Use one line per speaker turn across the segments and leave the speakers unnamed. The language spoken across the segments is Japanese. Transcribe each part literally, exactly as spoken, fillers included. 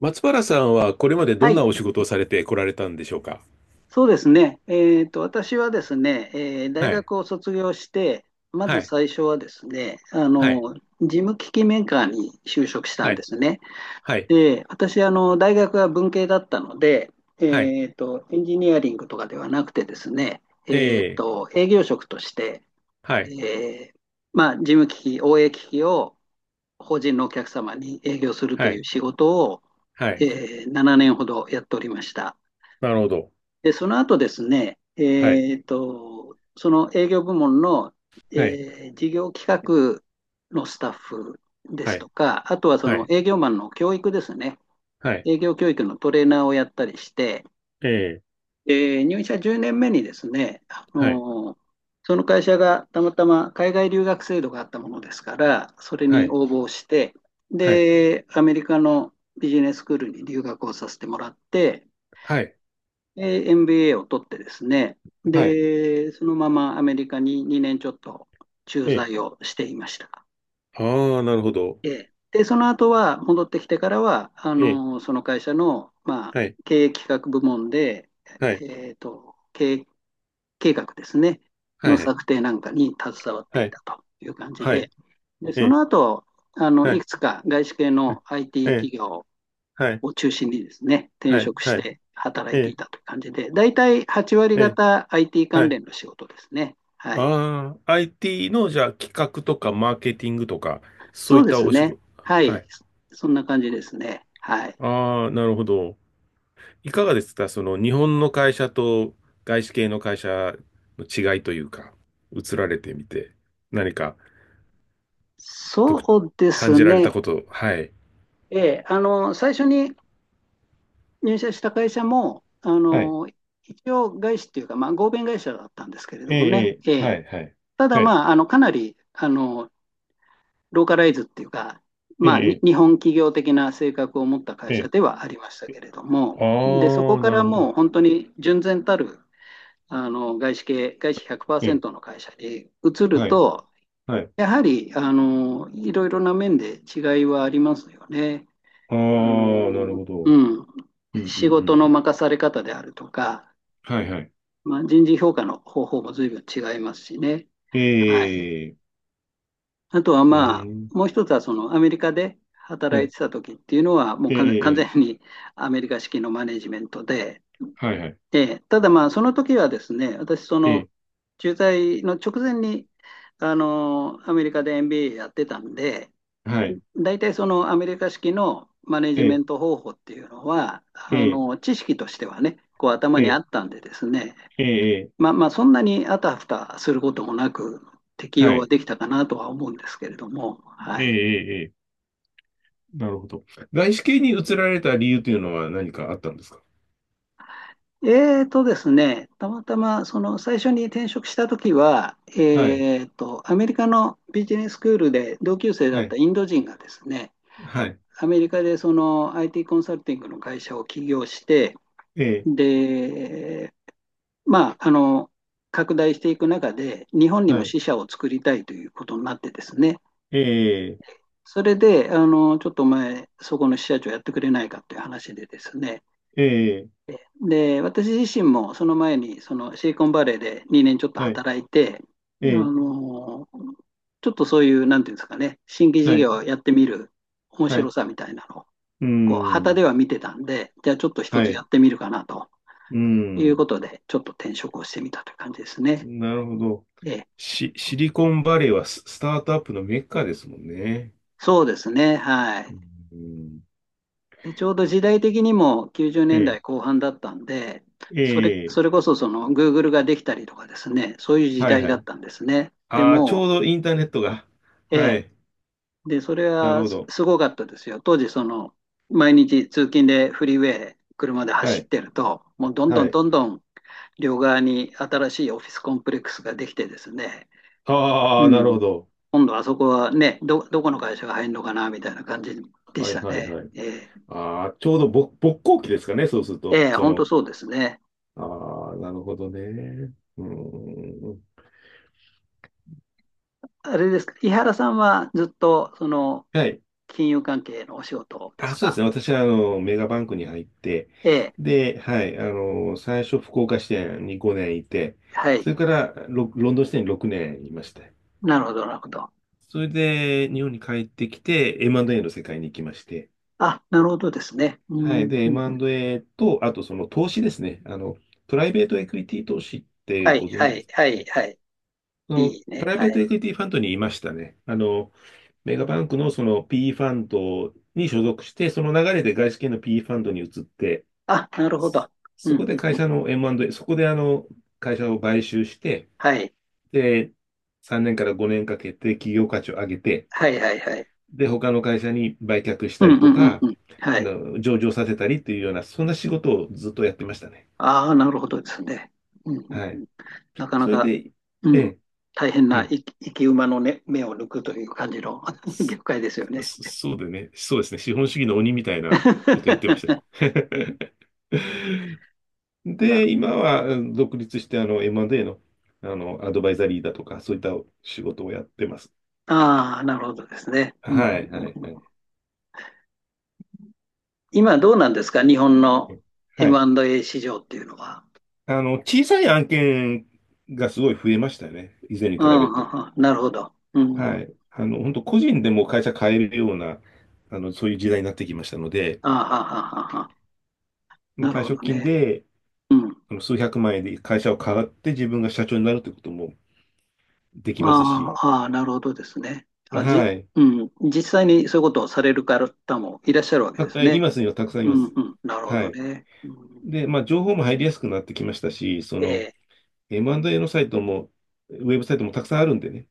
松原さんはこれまでど
は
ん
い、
なお仕事をされてこられたんでしょうか？
そうですね。えっと、私はですね、えー大
はい、
学を卒業して、ま
は
ず
い、
最初はですね、あ
はい、
の、事務機器メーカーに就職した
は
んで
い、
すね。
はい、
で、私、あの、大学は文系だったので、
はい、
えっと、エンジニアリングとかではなくてですね、
え
えっ
え、
と、営業職として、
はい、
えーまあ、事務機器、オーエー 機器を法人のお客様に営業する
は
という
い、
仕事を、
はい、
えーななねんほどやっておりました。
なるほど。
で、その後ですね、
はい、
えっと、その営業部門の、え
はい、
ー事業企画のスタッフで
は
す
い、
とか、あとはそ
は
の
い、
営業マンの教育ですね、
はい、
営業教育のトレーナーをやったりして、
ええ、
えー入社じゅうねんめにですね、あ
はい、
のーその会社がたまたま海外留学制度があったものですから、それ
は
に
い、
応募して、
はい、
で、アメリカのビジネススクールに留学をさせてもらって、
はい、
で エムビーエー を取ってですね、
はい、
で、そのままアメリカににねんちょっと駐
ええ、
在をしていました。
ああ、なるほど。
ええで、その後は、戻ってきてからは、あ
ええ、
の、その会社の、まあ、
はい、
経営企画部門で、
はい、
えっと、経営計画ですね、
は
の
い、
策定なんかに携わって
は
い
い、
たという感じ
は
で、
い、
で、
え
そ
え、
の後、あの、
は
い
い、
くつか外資系
はい、
の アイティー
ええ、
企業
はい、
を中心にですね、転
はい、
職し
はい、
て働
え
いてい
え、
たという感じで、大体はち割
ええ、
方 アイティー
は
関
い、
連の仕事ですね。はい。
ああ、アイティー の、じゃあ、企画とかマーケティングとか、そ
そ
うい
う
っ
で
た
す
お仕
ね。
事。
は
は
い。
い。
そんな感じですね。はい。
ああ、なるほど。いかがですかその、日本の会社と外資系の会社の違いというか、移られてみて、何か、と
そ
く、
うで
感
す
じられた
ね。
こと、はい。
えーあの、最初に入社した会社も、あ
はい。
の、一応外資っていうか、まあ、合弁会社だったんですけれど
え
もね。
え、ええ
え
は
ー
い、はい。
ただ、
はい。
まあ、あの、かなり、あの、ローカライズっていうか、
え
まあ、
え、
日本企業的な性格を持った会
え
社
え、
ではありました
え
け
え、
れども、で、そこ
ああ、
か
な
ら
るほど。
もう本当に純然たるあの外資系、外資
ええ
ひゃくパーセントの会社に移る
はい、
と、
はい。
やはりあのいろいろな面で違いはありますよね。
ああ、
あ
なる
の
ほ
う
ど。
ん、
うん、う
仕
ん、うん。
事の
うん
任され方であるとか、
はい、はい。
まあ、人事評価の方法も随分違いますしね。
え
はい、
え、
あとは
う
まあ、
ん。
もう一つはそのアメリカで
は
働い
い。
てた時っていうのは、もう
ええ、
完完
え
全
え、
にアメリカ式のマネジメントで、
はい、はい。
で、ただまあ、その時はですね、私、そ
え
の
え、
駐在の直前に、あの、アメリカで エムビーエー やってたんで、
はい。
大体そのアメリカ式のマネ
え
ジメ
え、
ント方法っていうのは、
え
あ
え、
の、知識としてはね、こう頭
え
にあ
え、
ったんでですね、
ええ、
まあまあ、そんなにあたふたすることもなく、適
は
用は
い。
できたかなとは思うんですけれども、
え
は
え、
い。
ええ、ええなるほど。外資系に移られた理由というのは何かあったんですか？
えーとですね、たまたまその最初に転職した時は、
はい、
えーと、アメリカのビジネススクールで同級生だ
は
った
い、
インド人がですね、
はい。
アメリカでその アイティー コンサルティングの会社を起業して、
ええ、
で、まあ、あの、拡大していく中で、日本に
は
も
い。
支社を作りたいということになってですね、
ええ、
それで、あの、ちょっとお前、そこの支社長やってくれないかという話でですね、
ええ、
で、私自身もその前にそのシリコンバレーでにねんちょっと
はい。
働いて、あ
ええ、
のーちょっとそういう、なんていうんですかね、新規事
は
業
い、
をやってみる面
は
白
い。
さみたいなのを、
うー
こう、旗
ん、
では見てたんで、じゃあちょっと一
は
つ
い。
やっ
う
てみるかなと
ー
いう
ん、
ことで、ちょっと転職をしてみたという感じですね。
なるほど。
ええ、
シ、シリコンバレーはス、スタートアップのメッカですもんね。
そうですね、は
う
い。
ーん、
で、ちょうど時代的にも90年
え
代
え、
後半だったんで、
え
それ、
え、
それこそその Google ができたりとかですね、そういう時
はい、
代
は
だっ
い。
たんですね。で
ああ、ちょう
も、
どインターネットが。
え
は
え、
い。
で、それ
なる
は
ほ
す
ど。
すごかったですよ。当時、その、毎日通勤でフリーウェイ、車で
は
走っ
い。
てると、もうどんど
は
ん
い。
どんどん両側に新しいオフィスコンプレックスができてですね、
あ
う
あ、なるほ
ん、
ど。
今度あそこはね、ど、どこの会社が入るのかなみたいな感じで
は
し
い
た
はい
ね。
はい。
ええ、
ああ、ちょうどぼ勃興期ですかね、そうすると。
ええ、
そ
本当
の、
そうですね。
ああ、なるほどね。うーん。
あれですか、井原さんはずっとその
はい。
金融関係のお仕事です
あ、そうで
か。
すね。私は、あの、メガバンクに入って、
ええ、
で、はい。あの、最初、福岡支店にごねんいて、
は
そ
い、
れから、ロ、ロンドン支店にろくねんいました。
なるほど、なるほど。
それで、日本に帰ってきて、エムアンドエー の世界に行きまして、
あ、なるほどですね。う
はい。
ん、
で、
うんうん、
エムアンドエー と、あとその投資ですね。あの、プライベートエクイティ投資って
はい、
ご存
は
知で
い、
すか？
は
は
い、
い
はい。
そ
い
の、
い
プ
ね、
ライベ
は
ート
い。
エクイティファンドにいましたね。あの、メガバンクのその ピーイー ファンドに所属して、その流れで外資系の ピーイー ファンドに移って、
あ、なるほ
そ
ど。う
そこ
ん、
で
う
会
ん、
社の エムアンドエー、そこであの、会社を買収して、
はい、
で、さんねんからごねんかけて企業価値を上げて、
はい、はい、はい。
で、他の会社に売却し
う
た
ん、う
りと
ん、うん、
か、
うん。は
あ
い。
の、上場させたりっていうような、そんな仕事をずっとやってましたね。
ああ、なるほどですね。うん、うん、
は
う
い。
ん。なかな
それ
か、
で、
う
え
ん、
え、
大変
う
な
ん。
生き生き馬の、ね、目を抜くという感じの 業界ですよ
そ
ね。
そそうでね、そうですね、資本主義の鬼みたいなことやってました。
な
で、今は、うん、独立して、あの、エムアンドエー の、あの、アドバイザリーだとか、そういった仕事をやってます。
ああ、なるほどですね。うん、
はい、はい、はい。
今どうなんですか日本の
はい。
エムアンドエー 市場っていうのは。
あの、小さい案件がすごい増えましたよね。以前に
う
比べ
ん、
る
は
と。
はなるほど。うん。
は
あ
い。あの、本当個人でも会社変えるような、あの、そういう時代になってきましたので、
あ、はははは。なる
退
ほ
職
ど
金
ね。
で、
うん。
あの数百万円で会社を買って自分が社長になるということもできます
あ
し、
あ、ああ、なるほどですね。あ、じ、
はい。
うん。実際にそういうことをされる方もいらっしゃるわけで
た
す
えい
ね。
ますにはたくさんい
う
ま
ん、う
す。
ん。なるほ
は
ど
い。
ね。うん、
で、まあ、情報も入りやすくなってきましたし、そ
え
の
え。
エムアンドエー のサイトも、ウェブサイトもたくさんあるんでね、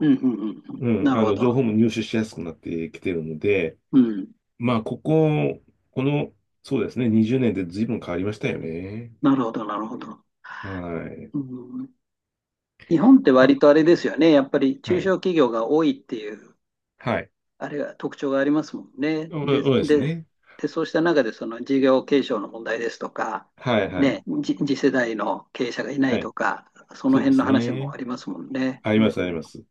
うん、うん、うん。うん、
う
な
ん、
る
あ
ほ
の、
ど。
情報も入手しやすくなってきてるので、
うん。
まあ、ここ、この、そうですね、にじゅうねんで随分変わりましたよね。
なるほど、なるほど。
はい。
うん。日本って
あ、
割とあれですよね。やっぱり
は
中小
い。
企業が多いっていう
はい。
あれが特徴がありますもんね。
そう
で、
そうです
で、
ね。
で、そうした中でその事業継承の問題ですとか、
はい、はい。
ね、じ次世代の経営者がいない
は
と
い。
か、その
そうで
辺の
す
話も
ね。
ありますもんね。
あり
うん、
ます、あり
うん、
ます。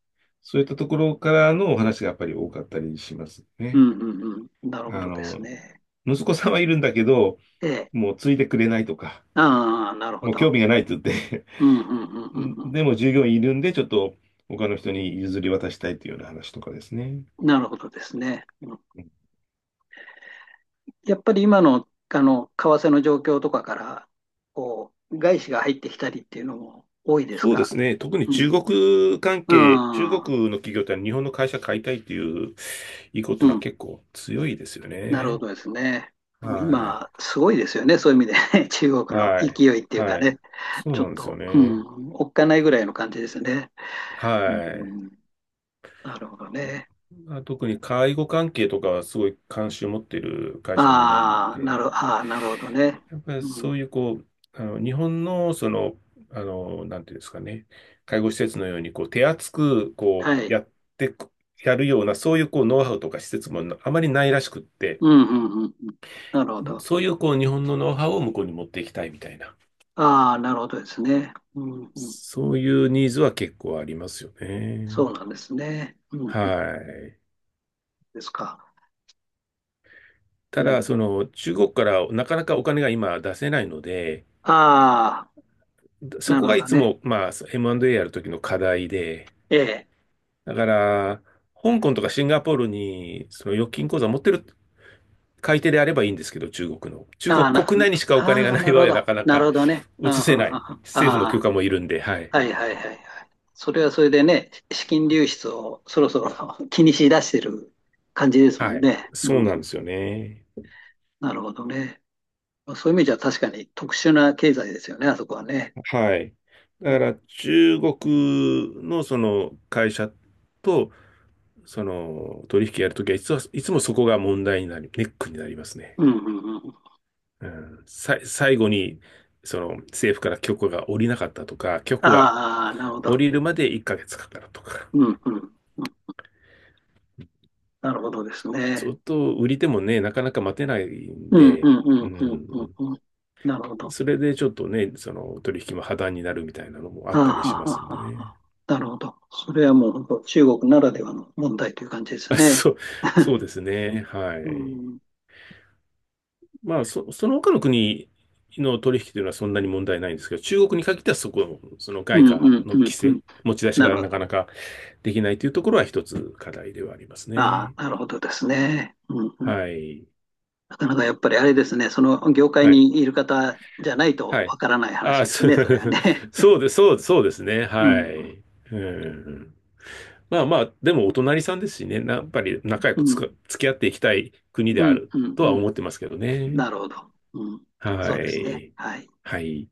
そういったところからのお話がやっぱり多かったりします
うん、
ね。
うんうん、なるほ
あ
どです
の、
ね。
息子さんはいるんだけど、
ええ、
もうついてくれないとか、
ああ、なるほ
もう
ど。
興味がないって言って
うん、うん、う ん、
ん
うん
でも従業員いるんで、ちょっと他の人に譲り渡したいというような話とかですね。
うん、なるほどですね。うん、
うん
やっぱり今の、あの、為替の状況とかから、こう、外資が入ってきたりっていうのも多いです
そうで
か。
すね。特に
う
中
ん、
国関係、中
ああ、
国の企業って日本の会社買いたいっていう意向ってい
う
うのは
ん。
結構強いですよ
なるほ
ね。
どですね。もう
はい。
今、すごいですよね。そういう意味で 中国の
は
勢
い。
いっていうか
はい。
ね、
そう
ちょっ
なんですよ
と、う
ね。
ん、おっかないぐらいの感じですね。う
はい。
ん、なるほどね。
まあ、特に介護関係とかはすごい関心を持っている会社も多いん
ああ、なる、
で、
ああ、なるほどね。
やっぱり
う
そ
ん、
ういうこう、あの日本のその、あの、なんていうんですかね、介護施設のようにこう手厚くこ
は
う
い。
やってく、やるような、そういうこうノウハウとか施設もあまりないらしくって、
うん、うん、うん。うん、なるほど。
そういうこう日本のノウハウを向こうに持っていきたいみたいな、
ああ、なるほどですね。うん、うん。
そういうニーズは結構ありますよね。
そうなんですね。うん、
は
うん
い。
ですか。う
た
ん。
だ、その中国からなかなかお金が今出せないので、
ああ、
そ
な
こ
る
が
ほ
い
ど
つ
ね。
も、まあ、エムアンドエー やるときの課題で、
ええ。
だから、香港とかシンガポールに、その預金口座持ってる買い手であればいいんですけど、中国の。中
あ
国
あ、な、
国内にしかお金が
ああ、
ない
なる
場合
ほ
は
ど。
なかな
なる
か
ほどね。あ
移せな
あ、
い。
ああ、
政府の
あ
許
あ、
可もいるんで、はい。
はいはいはいはい。それはそれでね、資金流出をそろそろ 気にしだしてる感じですも
は
ん
い。
ね。うんう
そう
ん
なんです
う
よ
ん、
ね。
なるほどね。そういう意味じゃ確かに特殊な経済ですよね、あそこはね。
はい。
う
だか
ん、
ら、中国のその会社と、その取引やるときはいつは、いつもそこが問題になり、ネックになりますね。
うんうんうん。
うん、さ、最後に、その政府から許可が下りなかったとか、許可が
ああ、なるほ
下
ど。
りるまでいっかげつかかるとか、
うんうんうん。なるほどです
ず
ね。
っと売り手もね、なかなか待てないん
うんう
で、
んう
う
んうんうん
ん、
うん。なるほど。
それでちょっとね、その取引も破談になるみたいなのもあっ
ああ、
たり
は
しま
あ
す
は
ん
あ
で
はあは
ね。
あ、なるほど。それはもう本当中国ならではの問題という感じです
あ、
ね。
そう、そう ですね。は
う
い。
ん、うん
まあ、そ、その他の国の取引というのはそんなに問題ないんですけど、中国に限ってはそこ、その
う
外
ん
貨
うん
の
う
規制、
ん。
持ち出し
な
が
るほ
な
ど。
かなかできないというところは一つ課題ではあります
あ
ね。
あ、なるほどですね。うんうん、
はい。
なかなかやっぱりあれですね、その業界
はい。
にいる方じゃないと
は
わ
い。
からない話
あ、
です
そ う
ね、それはね。
そうです、そう、そうですね。
う
は
ん、
い。うん。まあまあ、でもお隣さんですしね、なやっぱり仲良
う
くつか、
ん、
付き合っていきたい国
う
であ
ん、
る
うん、
と
う
は思っ
ん。
てますけどね。
なるほど。うん、そ
は
うですね。
い。
はい。
はい。